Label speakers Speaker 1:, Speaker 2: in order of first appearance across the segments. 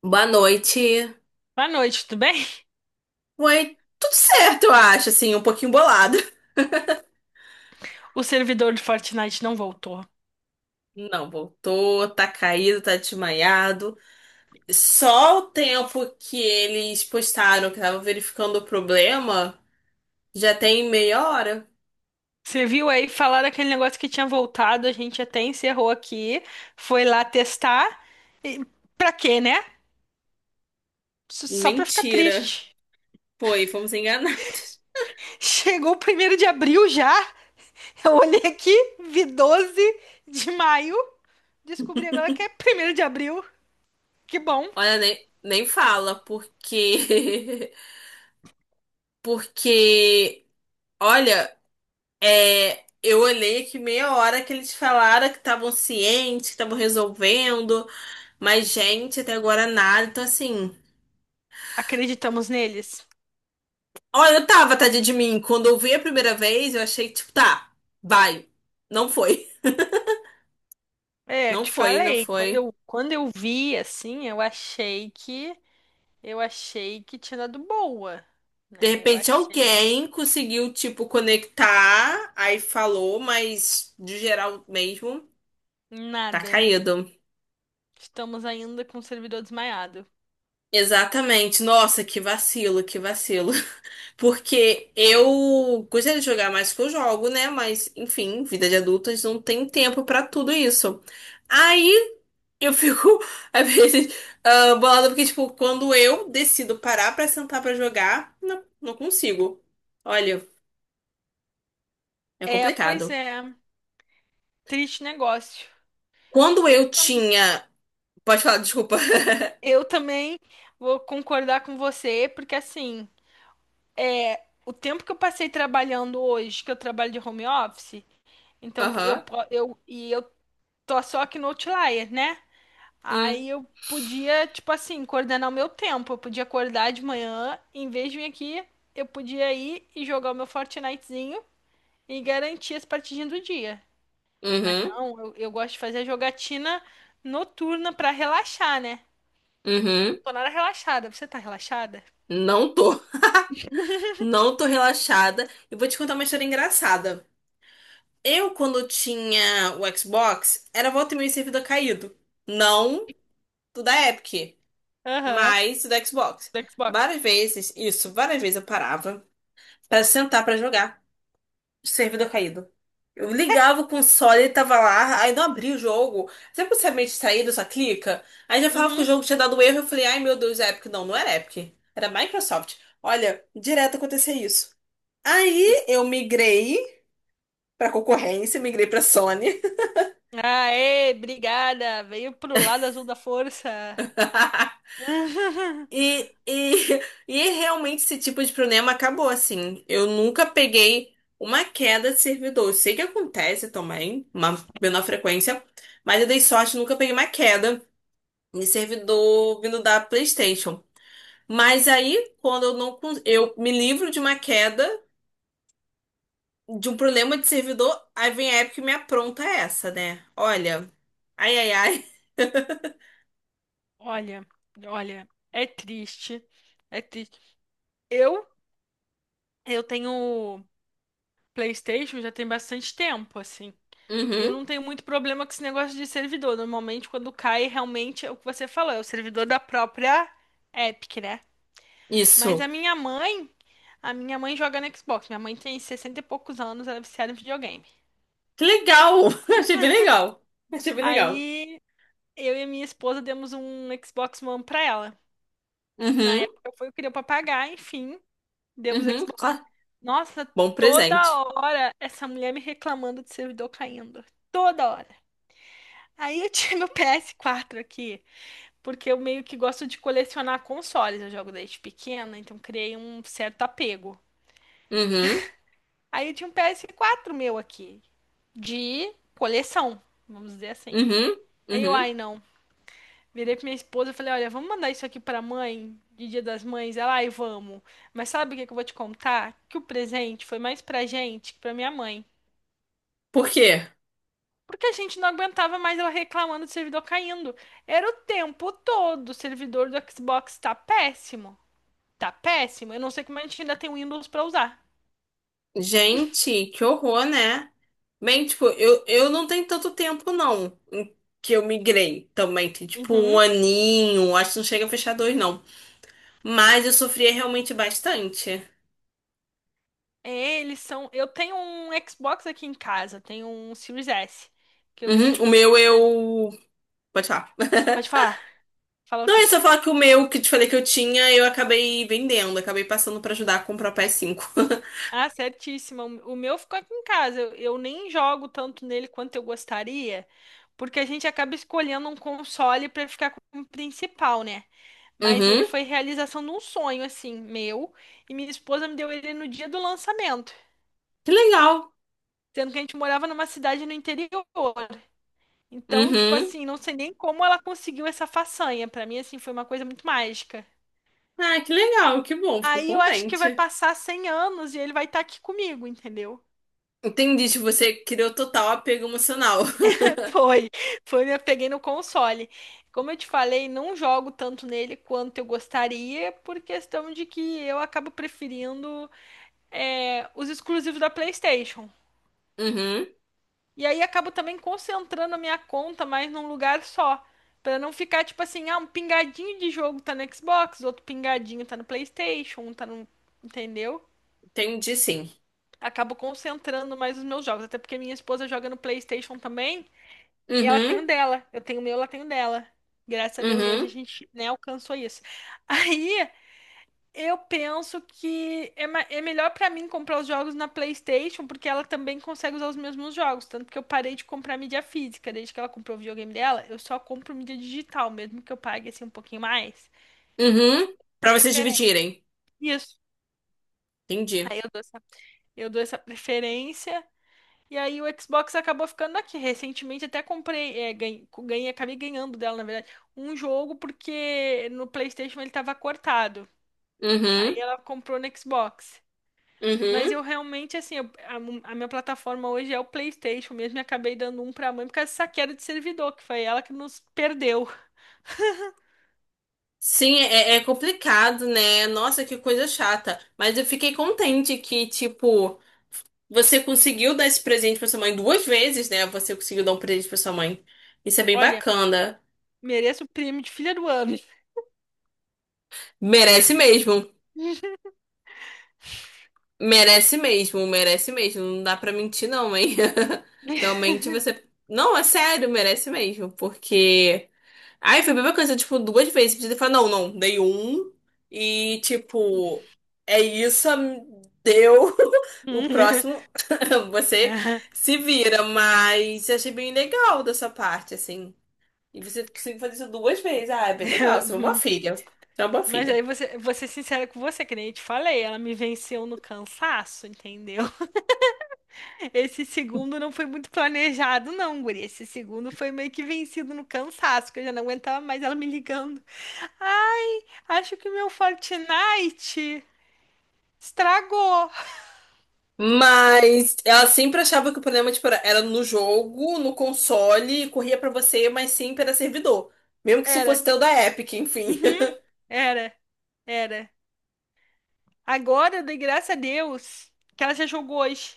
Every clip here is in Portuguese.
Speaker 1: Boa noite.
Speaker 2: Boa noite, tudo bem?
Speaker 1: Ué, tudo certo, eu acho, assim, um pouquinho bolado.
Speaker 2: O servidor do Fortnite não voltou.
Speaker 1: Não, voltou, tá caído, tá desmaiado. Só o tempo que eles postaram que tava verificando o problema, já tem meia hora.
Speaker 2: Você viu aí falar daquele negócio que tinha voltado, a gente até encerrou aqui, foi lá testar. E pra quê, né? Só pra ficar
Speaker 1: Mentira.
Speaker 2: triste.
Speaker 1: Foi fomos enganados.
Speaker 2: Chegou o primeiro de abril já. Eu olhei aqui, vi 12 de maio, descobri agora que é primeiro de abril. Que bom.
Speaker 1: Olha, nem fala, porque... Porque, olha, eu olhei aqui meia hora que eles falaram que estavam cientes, que estavam resolvendo. Mas, gente, até agora nada. Então, assim.
Speaker 2: Acreditamos neles.
Speaker 1: Olha, eu tava, tadinha de mim. Quando eu vi a primeira vez, eu achei, tipo, tá, vai. Não foi.
Speaker 2: É,
Speaker 1: Não
Speaker 2: te
Speaker 1: foi, não
Speaker 2: falei, quando
Speaker 1: foi.
Speaker 2: eu, quando eu vi assim, eu achei que eu achei que tinha dado boa,
Speaker 1: De
Speaker 2: né? Eu
Speaker 1: repente,
Speaker 2: achei
Speaker 1: alguém conseguiu, tipo, conectar. Aí falou, mas de geral mesmo, tá
Speaker 2: nada.
Speaker 1: caído.
Speaker 2: Estamos ainda com o servidor desmaiado.
Speaker 1: Exatamente. Nossa, que vacilo, que vacilo. Porque eu gostaria de jogar mais que eu jogo, né? Mas, enfim, vida de adultas não tem tempo pra tudo isso. Aí eu fico, às vezes, ah, bolada porque, tipo, quando eu decido parar pra sentar pra jogar, não consigo. Olha, é
Speaker 2: É, pois
Speaker 1: complicado.
Speaker 2: é. Triste negócio.
Speaker 1: Quando eu tinha. Pode falar, desculpa.
Speaker 2: Eu também vou concordar com você, porque assim, é, o tempo que eu passei trabalhando hoje, que eu trabalho de home office, então eu,
Speaker 1: Aham.
Speaker 2: eu, eu tô só aqui no Outlier, né?
Speaker 1: Hum.
Speaker 2: Aí eu podia, tipo assim, coordenar o meu tempo. Eu podia acordar de manhã, em vez de vir aqui, eu podia ir e jogar o meu Fortnitezinho e garantir as partidinhas do dia. Mas
Speaker 1: Uhum.
Speaker 2: não, eu gosto de fazer a jogatina noturna pra relaxar, né? Não
Speaker 1: Uhum.
Speaker 2: tô nada relaxada. Você tá relaxada?
Speaker 1: Não tô. Não tô relaxada. E vou te contar uma história engraçada. Eu, quando tinha o Xbox, era volta e meia servidor caído. Não do da Epic,
Speaker 2: Aham.
Speaker 1: mas do da Xbox.
Speaker 2: Do Xbox.
Speaker 1: Várias vezes, isso, várias vezes eu parava. Pra sentar pra jogar. Servidor caído. Eu ligava o console, ele tava lá, aí não abria o jogo. Sempre você é meio distraído, só clica. Aí já falava que o
Speaker 2: Uhum.
Speaker 1: jogo tinha dado erro, eu falei, ai meu Deus, é Epic. Não, não era Epic. Era Microsoft. Olha, direto acontecia isso. Aí eu migrei pra concorrência, migrei pra Sony.
Speaker 2: Aê, obrigada. Veio pro lado azul da força.
Speaker 1: E, realmente esse tipo de problema acabou assim. Eu nunca peguei uma queda de servidor. Eu sei que acontece também, uma menor frequência, mas eu dei sorte, nunca peguei uma queda de servidor vindo da PlayStation. Mas aí, quando eu não eu me livro de uma queda, de um problema de servidor, aí vem a Epic e me apronta essa, né? Olha, ai, ai, ai.
Speaker 2: Olha, olha, é triste. É triste. Eu, eu tenho PlayStation já tem bastante tempo, assim. Eu
Speaker 1: Uhum,
Speaker 2: não tenho muito problema com esse negócio de servidor. Normalmente, quando cai, realmente é o que você falou, é o servidor da própria Epic, né? Mas
Speaker 1: isso.
Speaker 2: a minha mãe joga no Xbox. Minha mãe tem 60 e poucos anos, ela é viciada em videogame.
Speaker 1: Que legal! Achei bem legal. Achei bem legal.
Speaker 2: Aí eu e a minha esposa demos um Xbox One pra ela. Na
Speaker 1: Uhum.
Speaker 2: época foi o que deu pra pagar, enfim, demos
Speaker 1: Uhum,
Speaker 2: Xbox.
Speaker 1: claro.
Speaker 2: Nossa,
Speaker 1: Bom
Speaker 2: toda
Speaker 1: presente.
Speaker 2: hora essa mulher me reclamando de servidor caindo. Toda hora. Aí eu tinha meu PS4 aqui. Porque eu meio que gosto de colecionar consoles. Eu jogo desde pequena, então criei um certo apego.
Speaker 1: Uhum,
Speaker 2: Aí eu tinha um PS4 meu aqui, de coleção, vamos dizer assim.
Speaker 1: uhum,
Speaker 2: Aí eu,
Speaker 1: uhum.
Speaker 2: ai não. Virei pra minha esposa e falei: olha, vamos mandar isso aqui pra mãe, de Dia das Mães. Ela, ai, vamos. Mas sabe o que que eu vou te contar? Que o presente foi mais pra gente que pra minha mãe.
Speaker 1: Por quê?
Speaker 2: Porque a gente não aguentava mais ela reclamando do servidor caindo. Era o tempo todo. O servidor do Xbox tá péssimo. Tá péssimo. Eu não sei como a gente ainda tem Windows pra usar.
Speaker 1: Gente, que horror, né? Bem, tipo, eu não tenho tanto tempo, não, em que eu migrei também. Tem, tipo, um
Speaker 2: Uhum.
Speaker 1: aninho, acho que não chega a fechar dois, não. Mas eu sofria realmente bastante.
Speaker 2: Eles são. Eu tenho um Xbox aqui em casa, tenho um Series S, que eu ganhei
Speaker 1: Uhum,
Speaker 2: de
Speaker 1: o meu,
Speaker 2: presente da.
Speaker 1: eu... Pode falar.
Speaker 2: Pode falar, fala
Speaker 1: Não, é
Speaker 2: você.
Speaker 1: só falar que o meu, que eu te falei que eu tinha, eu acabei vendendo. Acabei passando pra ajudar a comprar o PS5.
Speaker 2: Ah, certíssima. O meu ficou aqui em casa. Eu nem jogo tanto nele quanto eu gostaria, porque a gente acaba escolhendo um console pra ficar como principal, né? Mas ele
Speaker 1: Uhum,
Speaker 2: foi realização de um sonho, assim, meu, e minha esposa me deu ele no dia do lançamento,
Speaker 1: que legal.
Speaker 2: sendo que a gente morava numa cidade no interior. Então, tipo
Speaker 1: Uhum.
Speaker 2: assim, não sei nem como ela conseguiu essa façanha. Pra mim, assim, foi uma coisa muito mágica.
Speaker 1: Ah, que legal, que bom, fico
Speaker 2: Aí eu acho que vai
Speaker 1: contente.
Speaker 2: passar 100 anos e ele vai estar aqui comigo, entendeu?
Speaker 1: Entendi, tipo, você criou total apego emocional.
Speaker 2: Foi, foi, eu peguei no console. Como eu te falei, não jogo tanto nele quanto eu gostaria, por questão de que eu acabo preferindo é, os exclusivos da PlayStation.
Speaker 1: Uhum,
Speaker 2: E aí acabo também concentrando a minha conta mais num lugar só. Pra não ficar tipo assim, ah, um pingadinho de jogo tá no Xbox, outro pingadinho tá no PlayStation, um tá no. Entendeu?
Speaker 1: entendi sim.
Speaker 2: Acabo concentrando mais os meus jogos. Até porque minha esposa joga no PlayStation também, e ela tem
Speaker 1: Uhum,
Speaker 2: o dela. Eu tenho o meu, ela tem o dela. Graças a Deus, hoje
Speaker 1: uhum,
Speaker 2: a gente, né, alcançou isso. Aí. Eu penso que é, é melhor pra mim comprar os jogos na PlayStation, porque ela também consegue usar os mesmos jogos. Tanto que eu parei de comprar mídia física. Desde que ela comprou o videogame dela, eu só compro mídia digital, mesmo que eu pague assim um pouquinho mais.
Speaker 1: uhum. Pra vocês
Speaker 2: Preferência.
Speaker 1: dividirem.
Speaker 2: Isso.
Speaker 1: Entendi.
Speaker 2: Aí eu dou essa preferência. E aí o Xbox acabou ficando aqui. Recentemente até comprei, é, ganhei, ganhei, acabei ganhando dela, na verdade, um jogo porque no PlayStation ele tava cortado. Aí
Speaker 1: Uhum,
Speaker 2: ela comprou no Xbox. Mas
Speaker 1: uhum.
Speaker 2: eu realmente, assim, a minha plataforma hoje é o PlayStation mesmo. E acabei dando um pra mãe por causa dessa queda de servidor, que foi ela que nos perdeu.
Speaker 1: Sim, é, é complicado, né? Nossa, que coisa chata. Mas eu fiquei contente que, tipo, você conseguiu dar esse presente pra sua mãe duas vezes, né? Você conseguiu dar um presente pra sua mãe. Isso é bem
Speaker 2: Olha,
Speaker 1: bacana.
Speaker 2: mereço o prêmio de filha do ano.
Speaker 1: Merece mesmo. Merece mesmo, merece mesmo. Não dá pra mentir, não, hein? Realmente você. Não, é sério, merece mesmo. Porque. Ai, foi a mesma coisa, tipo, duas vezes. Podia ter falado, não, não, dei um. E, tipo, é isso, deu. O próximo, você se vira. Mas eu achei bem legal da sua parte, assim. E você conseguiu fazer isso duas vezes. Ah, é bem legal, você é uma boa filha. Você é uma boa
Speaker 2: Mas aí
Speaker 1: filha.
Speaker 2: você, vou ser sincera com você, que nem eu te falei, ela me venceu no cansaço, entendeu? Esse segundo não foi muito planejado, não, guri. Esse segundo foi meio que vencido no cansaço, que eu já não aguentava mais ela me ligando. Acho que meu Fortnite estragou.
Speaker 1: Mas ela sempre achava que o problema, tipo, era no jogo, no console, e corria pra você, mas sempre era servidor. Mesmo que se
Speaker 2: Era.
Speaker 1: fosse teu da Epic, enfim.
Speaker 2: Uhum. Era. Era. Agora, de graça a Deus, que ela já jogou hoje.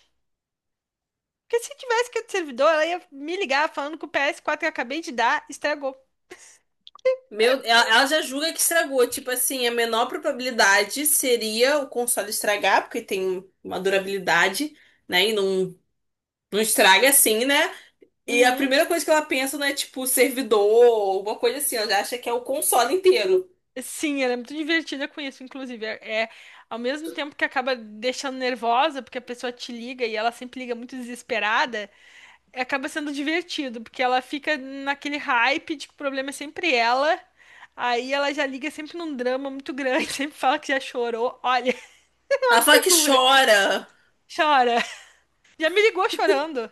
Speaker 2: Porque se tivesse que ir do servidor, ela ia me ligar falando que o ps quatro que eu acabei de dar estragou.
Speaker 1: Meu, ela já julga que estragou. Tipo assim, a menor probabilidade seria o console estragar, porque tem uma durabilidade, né? E não, não estraga assim, né? E a
Speaker 2: Uhum.
Speaker 1: primeira coisa que ela pensa não é, tipo, servidor ou alguma coisa assim. Ela já acha que é o console inteiro.
Speaker 2: Sim, ela é muito divertida com isso, inclusive. É ao mesmo tempo que acaba deixando nervosa, porque a pessoa te liga e ela sempre liga muito desesperada. Acaba sendo divertido, porque ela fica naquele hype de que o problema é sempre ela. Aí ela já liga sempre num drama muito grande, sempre fala que já chorou. Olha,
Speaker 1: Ela
Speaker 2: uma
Speaker 1: fala que
Speaker 2: figura.
Speaker 1: chora.
Speaker 2: Chora. Já me ligou chorando.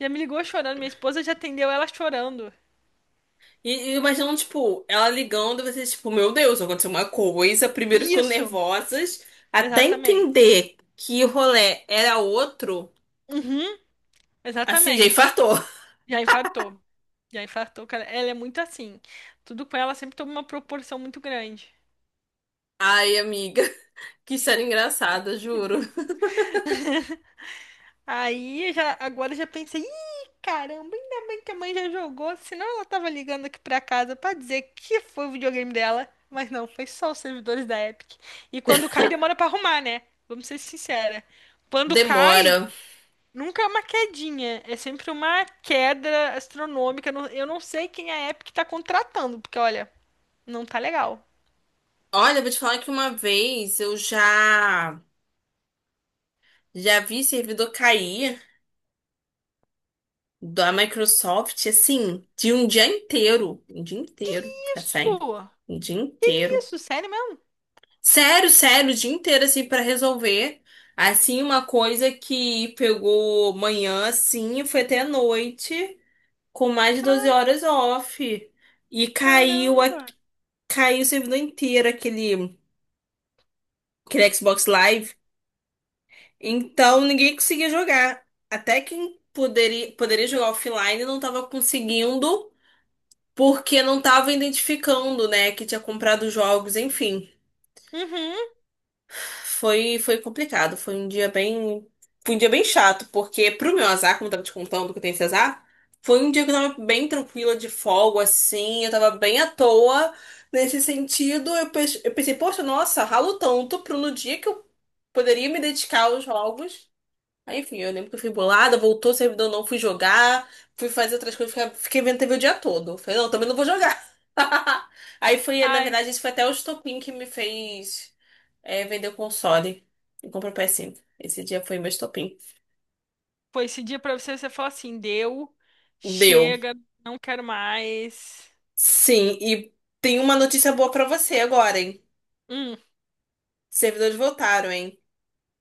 Speaker 2: Já me ligou chorando. Minha esposa já atendeu ela chorando.
Speaker 1: E imaginando, tipo, ela ligando, você, tipo, meu Deus, aconteceu uma coisa. Primeiro ficou
Speaker 2: Isso,
Speaker 1: nervosas, até
Speaker 2: exatamente.
Speaker 1: entender que o rolê era outro,
Speaker 2: Uhum,
Speaker 1: assim, já
Speaker 2: exatamente.
Speaker 1: infartou.
Speaker 2: Já infartou. Já infartou, cara. Ela é muito assim. Tudo com ela sempre toma uma proporção muito grande.
Speaker 1: Ai, amiga, que história engraçada, juro.
Speaker 2: Aí eu já, agora eu já pensei, ih, caramba, ainda bem que a mãe já jogou, senão ela tava ligando aqui pra casa pra dizer que foi o videogame dela, mas não, foi só os servidores da Epic. E quando cai, demora pra arrumar, né? Vamos ser sincera. Quando cai,
Speaker 1: Demora.
Speaker 2: nunca é uma quedinha, é sempre uma queda astronômica. Eu não sei quem a Epic tá contratando, porque olha, não tá legal.
Speaker 1: Olha, vou te falar que uma vez eu já vi servidor cair da Microsoft, assim, de um dia inteiro. Um dia inteiro, ficar sem.
Speaker 2: Isso!
Speaker 1: Um dia inteiro.
Speaker 2: Isso, sério mesmo?
Speaker 1: Sério, sério, o dia inteiro, assim, pra resolver. Assim, uma coisa que pegou manhã, assim, e foi até a noite, com mais de 12
Speaker 2: Ca-
Speaker 1: horas off. E caiu,
Speaker 2: Caramba!
Speaker 1: caiu o servidor inteiro, aquele, aquele Xbox Live. Então, ninguém conseguia jogar. Até quem poderia, poderia jogar offline não tava conseguindo, porque não tava identificando, né, que tinha comprado jogos, enfim.
Speaker 2: Uhum.
Speaker 1: Foi complicado, foi um dia bem chato, porque pro meu azar, como eu tava te contando que eu tenho esse azar, foi um dia que eu tava bem tranquila de folga, assim, eu tava bem à toa nesse sentido. Eu, eu pensei, poxa, nossa, ralo tanto pro no dia que eu poderia me dedicar aos jogos. Aí, enfim, eu lembro que eu fui bolada, voltou o servidor, não fui jogar, fui fazer outras coisas, fiquei vendo TV o dia todo. Falei, não, também não vou jogar. Aí foi, na
Speaker 2: Ai.
Speaker 1: verdade, isso foi até o estopim que me fez. É, vendeu console e comprou PS5. Esse dia foi meu estopim.
Speaker 2: Foi esse dia pra você, você fala assim, deu,
Speaker 1: Deu.
Speaker 2: chega, não quero mais.
Speaker 1: Sim, e tem uma notícia boa pra você agora, hein?
Speaker 2: Hum,
Speaker 1: Servidores voltaram, hein?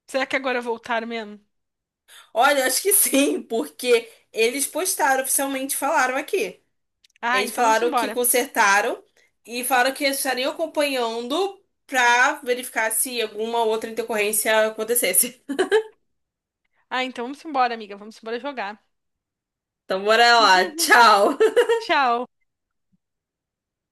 Speaker 2: será que agora voltaram mesmo?
Speaker 1: Olha, eu acho que sim, porque eles postaram oficialmente, falaram aqui.
Speaker 2: Ah,
Speaker 1: Eles
Speaker 2: então vamos
Speaker 1: falaram que
Speaker 2: embora.
Speaker 1: consertaram e falaram que estariam acompanhando pra verificar se alguma outra intercorrência acontecesse.
Speaker 2: Ah, então vamos embora, amiga, vamos embora jogar.
Speaker 1: Então, bora lá. Tchau.
Speaker 2: Tchau.